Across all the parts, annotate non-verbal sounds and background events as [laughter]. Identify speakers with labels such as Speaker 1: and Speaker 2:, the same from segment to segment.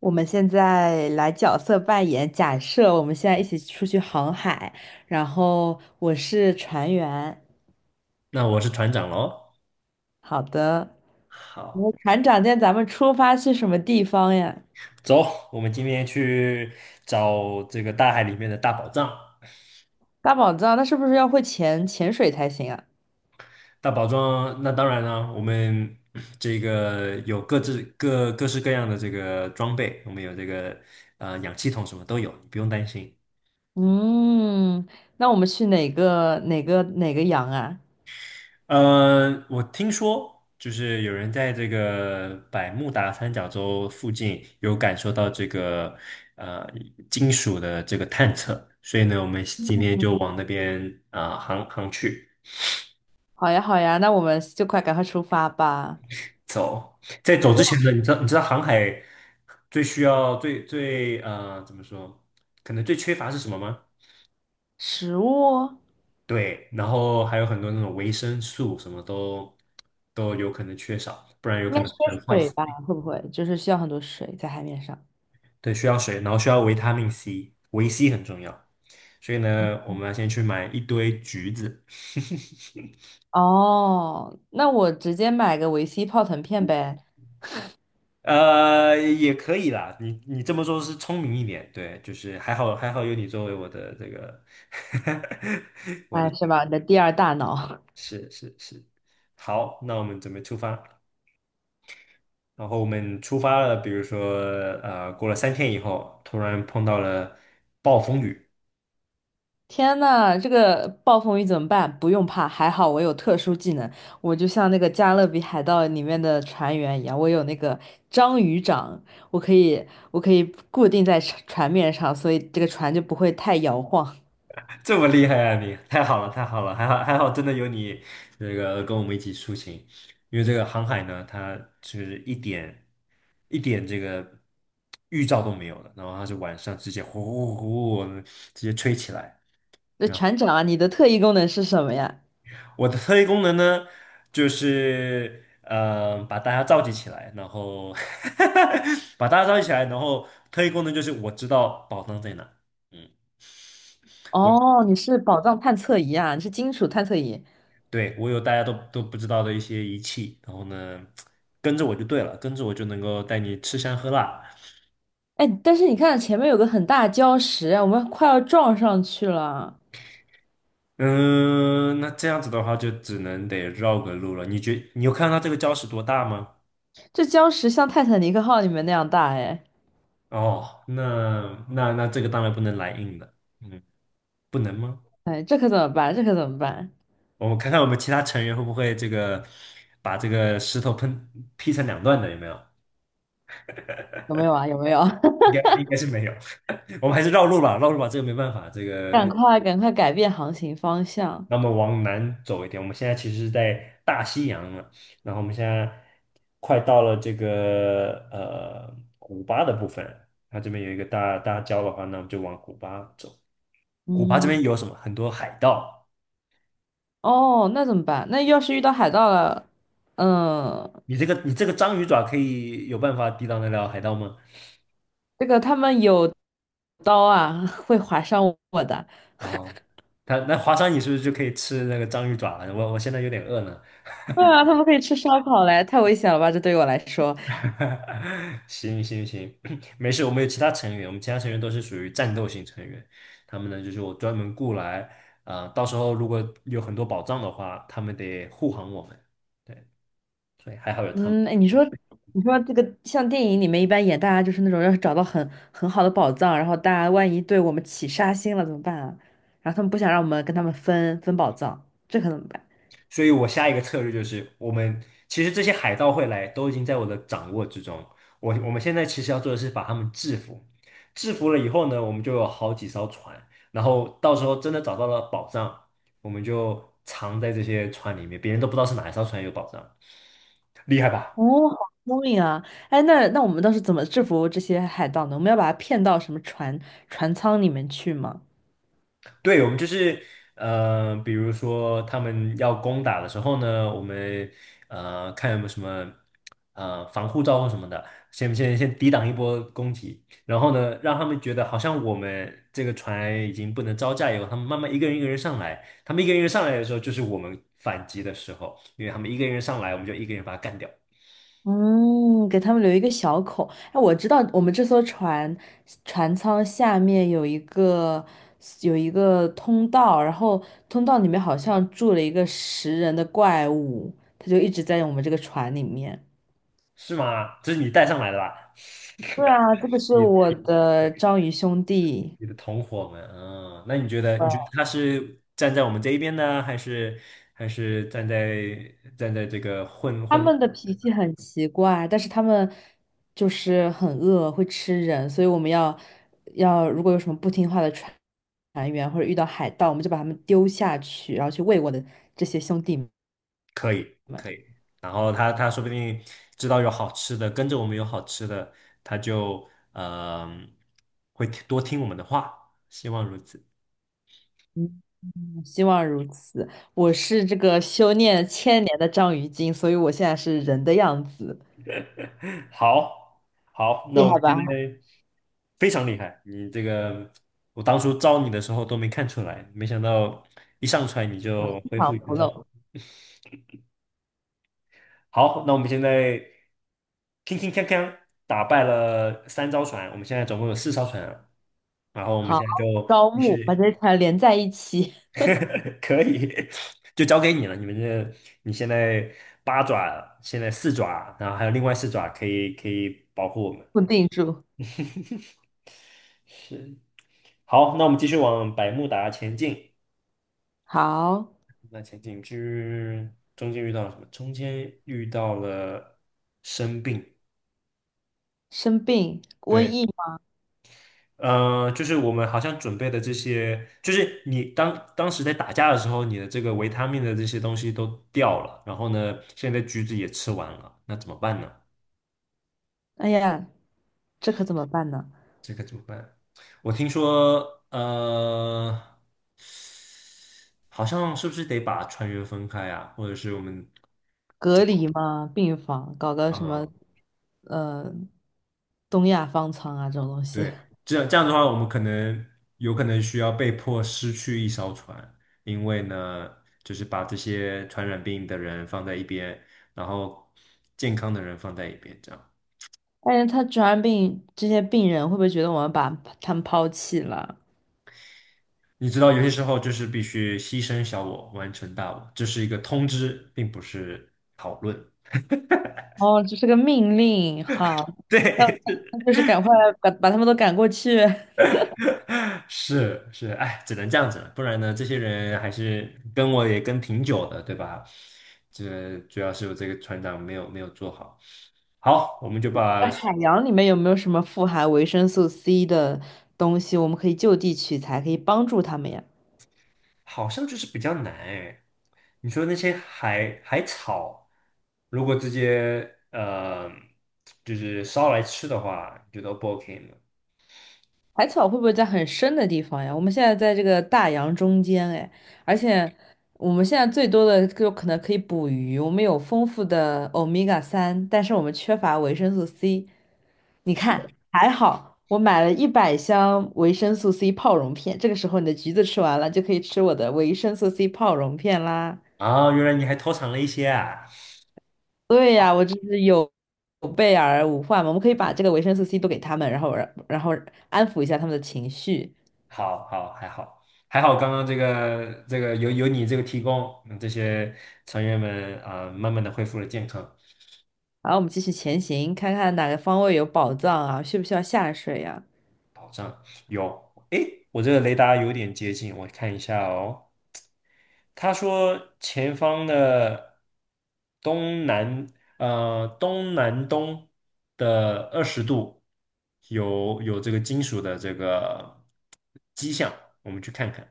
Speaker 1: 我们现在来角色扮演，假设我们现在一起出去航海，然后我是船员。
Speaker 2: 那我是船长喽。
Speaker 1: 好的，
Speaker 2: 好，
Speaker 1: 我船长，今天咱们出发去什么地方呀？
Speaker 2: 走，我们今天去找这个大海里面的大宝藏。
Speaker 1: 大宝藏，那是不是要会潜水才行啊？
Speaker 2: 大宝藏，那当然了，我们 [clears throat] 这个有各式各样的这个装备，我们有这个氧气筒，什么都有，你不用担心。
Speaker 1: 嗯，那我们去哪个洋啊？
Speaker 2: 我听说就是有人在这个百慕达三角洲附近有感受到这个呃金属的这个探测，所以呢，我们今天就往那边航去。
Speaker 1: 好呀好呀，那我们就快赶快出发吧。
Speaker 2: 走，在走之前呢，你知道航海最需要最最呃怎么说，可能最缺乏是什么吗？
Speaker 1: 食物
Speaker 2: 对，然后还有很多那种维生素什么都有可能缺少，不然有
Speaker 1: 应
Speaker 2: 可
Speaker 1: 该
Speaker 2: 能会
Speaker 1: 缺
Speaker 2: 坏
Speaker 1: 水
Speaker 2: 死。
Speaker 1: 吧？会不会就是需要很多水在海面上？
Speaker 2: 对，需要水，然后需要维他命 C，维 C 很重要。所以呢，我们要先去买一堆橘子，
Speaker 1: 哦，那我直接买个维 C 泡腾片呗，
Speaker 2: 也可以啦。你这么做是聪明一点，对，就是还好还好有你作为我的这个，[laughs] 我的
Speaker 1: 哎，是吧？你的第二大脑。[laughs]
Speaker 2: 是是是，好，那我们准备出发。然后我们出发了，比如说过了3天以后，突然碰到了暴风雨。
Speaker 1: 天呐，这个暴风雨怎么办？不用怕，还好我有特殊技能，我就像那个《加勒比海盗》里面的船员一样，我有那个章鱼掌，我可以，我可以固定在船面上，所以这个船就不会太摇晃。
Speaker 2: 这么厉害啊你！太好了，太好了，还好还好，真的有你这个跟我们一起出行，因为这个航海呢，它就是一点这个预兆都没有的，然后它是晚上直接呼呼呼呼直接吹起来。
Speaker 1: 那
Speaker 2: 然后
Speaker 1: 船长啊，你的特异功能是什么呀？
Speaker 2: 我的特异功能呢，就是把大家召集起来，然后 [laughs] 把大家召集起来，然后特异功能就是我知道宝藏在哪。嗯。我。
Speaker 1: 哦，你是宝藏探测仪啊，你是金属探测仪。
Speaker 2: 对，我有大家都不知道的一些仪器，然后呢，跟着我就对了，跟着我就能够带你吃香喝辣。
Speaker 1: 哎，但是你看前面有个很大的礁石啊，我们快要撞上去了。
Speaker 2: 嗯，那这样子的话，就只能得绕个路了。你觉你有看到这个礁石多大吗？
Speaker 1: 这礁石像泰坦尼克号里面那样大，哎，
Speaker 2: 哦，那这个当然不能来硬的，嗯，不能吗？
Speaker 1: 哎，这可怎么办？这可怎么办？
Speaker 2: 我们看看我们其他成员会不会这个把这个石头劈成两段的，有没有？
Speaker 1: 有没有啊？有没有？[laughs]
Speaker 2: 应该是没有，[laughs] 我们还是绕路吧，绕路吧，这个没办法，这个。
Speaker 1: 赶快，赶快改变航行方向。
Speaker 2: 那么往南走一点，我们现在其实是在大西洋了，然后我们现在快到了这个古巴的部分，它这边有一个大礁的话，那我们就往古巴走。古巴这
Speaker 1: 嗯，
Speaker 2: 边有什么？很多海盗。
Speaker 1: 哦，那怎么办？那要是遇到海盗了，嗯，
Speaker 2: 你这个章鱼爪可以有办法抵挡得了海盗吗？
Speaker 1: 这个他们有刀啊，[laughs] 会划伤我的。
Speaker 2: 哦，他那华商你是不是就可以吃那个章鱼爪了？我现在有点饿呢。
Speaker 1: 对啊，他们可以吃烧烤嘞，太危险了吧？这对于我来说。
Speaker 2: [laughs] 行行行，[clears throat] 没事，我们有其他成员，我们其他成员都是属于战斗型成员，他们呢就是我专门雇来，到时候如果有很多宝藏的话，他们得护航我们，对，所以还好有他们。
Speaker 1: 嗯，哎，你说，你说这个像电影里面一般演，大家就是那种要是找到很好的宝藏，然后大家万一对我们起杀心了怎么办啊？然后他们不想让我们跟他们分宝藏，这可怎么办？
Speaker 2: 所以我下一个策略就是，我们其实这些海盗会来，都已经在我的掌握之中。我们现在其实要做的是把他们制服，制服了以后呢，我们就有好几艘船，然后到时候真的找到了宝藏，我们就藏在这些船里面，别人都不知道是哪一艘船有宝藏，厉害吧？
Speaker 1: 哦，好聪明啊！哎，那那我们当时怎么制服这些海盗呢？我们要把他骗到什么船舱里面去吗？
Speaker 2: 对，我们就是比如说他们要攻打的时候呢，我们看有没有什么防护罩或什么的，先抵挡一波攻击，然后呢，让他们觉得好像我们这个船已经不能招架以后，他们慢慢一个人一个人上来，他们一个人一个人上来的时候，就是我们反击的时候，因为他们一个人上来，我们就一个人把他干掉，
Speaker 1: 嗯，给他们留一个小口。哎，我知道我们这艘船舱下面有一个有一个通道，然后通道里面好像住了一个食人的怪物，它就一直在我们这个船里面。
Speaker 2: 是吗？这是你带上来的吧？
Speaker 1: 对啊，这个
Speaker 2: [laughs]
Speaker 1: 是
Speaker 2: 你。
Speaker 1: 我的章鱼兄弟。
Speaker 2: 你的同伙们，那你觉得他是站在我们这一边呢，还是站在这个混
Speaker 1: 他
Speaker 2: 混乱？
Speaker 1: 们的脾气很奇怪，但是他们就是很饿，会吃人，所以我们要如果有什么不听话的船员或者遇到海盗，我们就把他们丢下去，然后去喂我的这些兄弟们。
Speaker 2: 可以可以，然后他说不定知道有好吃的，跟着我们有好吃的，他就嗯、会听我们的话，希望如此。
Speaker 1: 嗯，希望如此。我是这个修炼千年的章鱼精，所以我现在是人的样子，
Speaker 2: [laughs] 好，好，那
Speaker 1: 厉
Speaker 2: 我
Speaker 1: 害
Speaker 2: 们现在。
Speaker 1: 吧？
Speaker 2: 非常厉害，你这个我当初招你的时候都没看出来，没想到一上船你
Speaker 1: 马
Speaker 2: 就恢复
Speaker 1: 场不
Speaker 2: 原状。
Speaker 1: 漏。
Speaker 2: 好，那我们现在铿铿锵锵打败了3艘船，我们现在总共有4艘船了，然后我们
Speaker 1: 好，
Speaker 2: 现在就
Speaker 1: 招
Speaker 2: [laughs] 继
Speaker 1: 募把
Speaker 2: 续，
Speaker 1: 这些船连在一起，
Speaker 2: [laughs] 可以，[laughs] 就交给你了。你们这你现在八爪，现在四爪，然后还有另外四爪可以可以保护我们。
Speaker 1: [laughs] 固定住。
Speaker 2: 对，好，那我们继续往百慕达前进。
Speaker 1: 好，
Speaker 2: 那前进之中间遇到了什么？中间遇到了生病。
Speaker 1: 生病，瘟
Speaker 2: 对。
Speaker 1: 疫。
Speaker 2: 就是我们好像准备的这些，就是你当时在打架的时候，你的这个维他命的这些东西都掉了，然后呢，现在橘子也吃完了，那怎么办呢？
Speaker 1: 哎呀，这可怎么办呢？
Speaker 2: 这可怎么办？我听说，好像是不是得把船员分开啊，或者是我们，
Speaker 1: 隔离嘛，病房搞个什么，
Speaker 2: 啊、
Speaker 1: 呃，东亚方舱啊这种东西。
Speaker 2: 对，
Speaker 1: [laughs]
Speaker 2: 这样这样的话，我们可能有可能需要被迫失去一艘船，因为呢，就是把这些传染病的人放在一边，然后健康的人放在一边，这样。
Speaker 1: 但是他传染病，这些病人会不会觉得我们把他们抛弃了？
Speaker 2: 你知道，有些时候就是必须牺牲小我，完成大我，这是一个通知，并不是讨论。
Speaker 1: 哦，这是个命令，哈，
Speaker 2: [laughs] 对，
Speaker 1: 那我们就是赶快把他们都赶过去。[laughs]
Speaker 2: 是是，哎，只能这样子了，不然呢，这些人还是跟我也跟挺久的，对吧？这主要是我这个船长没有做好。好，我们就把，
Speaker 1: 在海洋里面有没有什么富含维生素 C 的东西，我们可以就地取材，可以帮助他们呀？
Speaker 2: 好像就是比较难哎。你说那些海草，如果直接就是烧来吃的话，你觉得 O 不 OK 的？
Speaker 1: 海草会不会在很深的地方呀？我们现在在这个大洋中间，哎，而且我们现在最多的就可能可以捕鱼，我们有丰富的欧米伽三，但是我们缺乏维生素 C。你看，还好我买了100箱维生素 C 泡溶片，这个时候你的橘子吃完了，就可以吃我的维生素 C 泡溶片啦。
Speaker 2: 啊，原来你还偷藏了一些啊。
Speaker 1: 对呀，我这是有备而无患嘛，我们可以把这个维生素 C 都给他们，然后然后安抚一下他们的情绪。
Speaker 2: 好好还好还好，刚刚这个有你这个提供，这些成员们慢慢的恢复了健康
Speaker 1: 好，我们继续前行，看看哪个方位有宝藏啊？需不需要下水呀、
Speaker 2: 保障。有，诶，我这个雷达有点接近，我看一下哦。他说前方的东南东南东的20度有这个金属的这个迹象，我们去看看。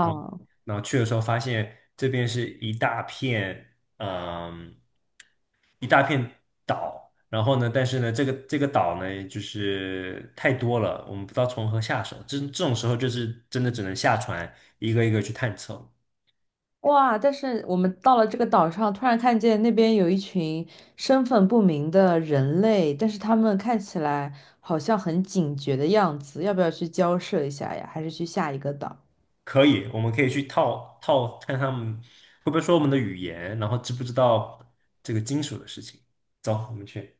Speaker 2: 然后然后去的时候发现这边是一大片，嗯，一大片岛。然后呢，但是呢，这个岛呢，就是太多了，我们不知道从何下手。这种时候，就是真的只能下船，一个一个去探测。
Speaker 1: 哇！但是我们到了这个岛上，突然看见那边有一群身份不明的人类，但是他们看起来好像很警觉的样子，要不要去交涉一下呀？还是去下一个岛？
Speaker 2: 可以，我们可以去套套看他们会不会说我们的语言，然后知不知道这个金属的事情。走，我们去。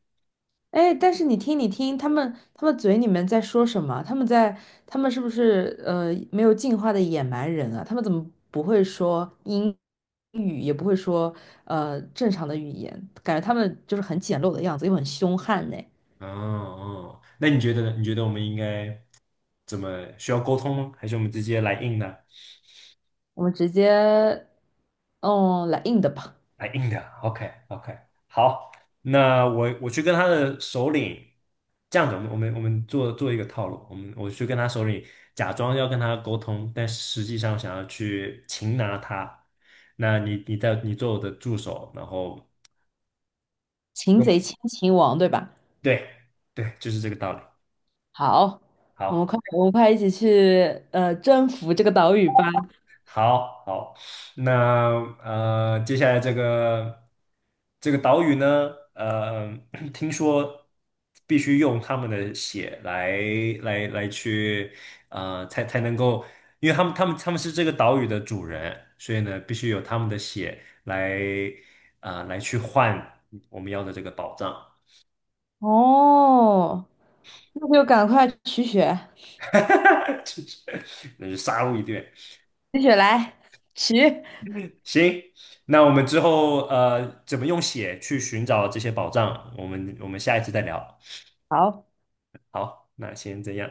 Speaker 1: 哎，但是你听，你听，他们嘴里面在说什么？他们是不是没有进化的野蛮人啊？他们怎么不会说英语，也不会说正常的语言？感觉他们就是很简陋的样子，又很凶悍呢。
Speaker 2: 哦哦，那你觉得呢？你觉得我们应该怎么需要沟通吗？还是我们直接来硬呢？
Speaker 1: 我们直接嗯来硬的吧，
Speaker 2: 来硬的，OK OK，好，那我去跟他的首领，这样子，我们做一个套路，我去跟他首领假装要跟他沟通，但实际上想要去擒拿他。那你做我的助手，然后
Speaker 1: 擒贼
Speaker 2: 用
Speaker 1: 先擒王，对吧？
Speaker 2: 对对，就是这个道理。
Speaker 1: 好，我们
Speaker 2: 好。
Speaker 1: 快我们快一起去征服这个岛屿吧。
Speaker 2: 好好，那接下来这个岛屿呢，[clears throat] 听说必须用他们的血来去，才能够，因为他们是这个岛屿的主人，所以呢，必须有他们的血来，来去换我们要的这个宝藏，
Speaker 1: 哦，那就赶快取血。
Speaker 2: [laughs] 就是那就杀戮一顿。
Speaker 1: 继续来，起
Speaker 2: 行，那我们之后怎么用血去寻找这些宝藏，我们下一次再聊。
Speaker 1: 好。
Speaker 2: 好，那先这样。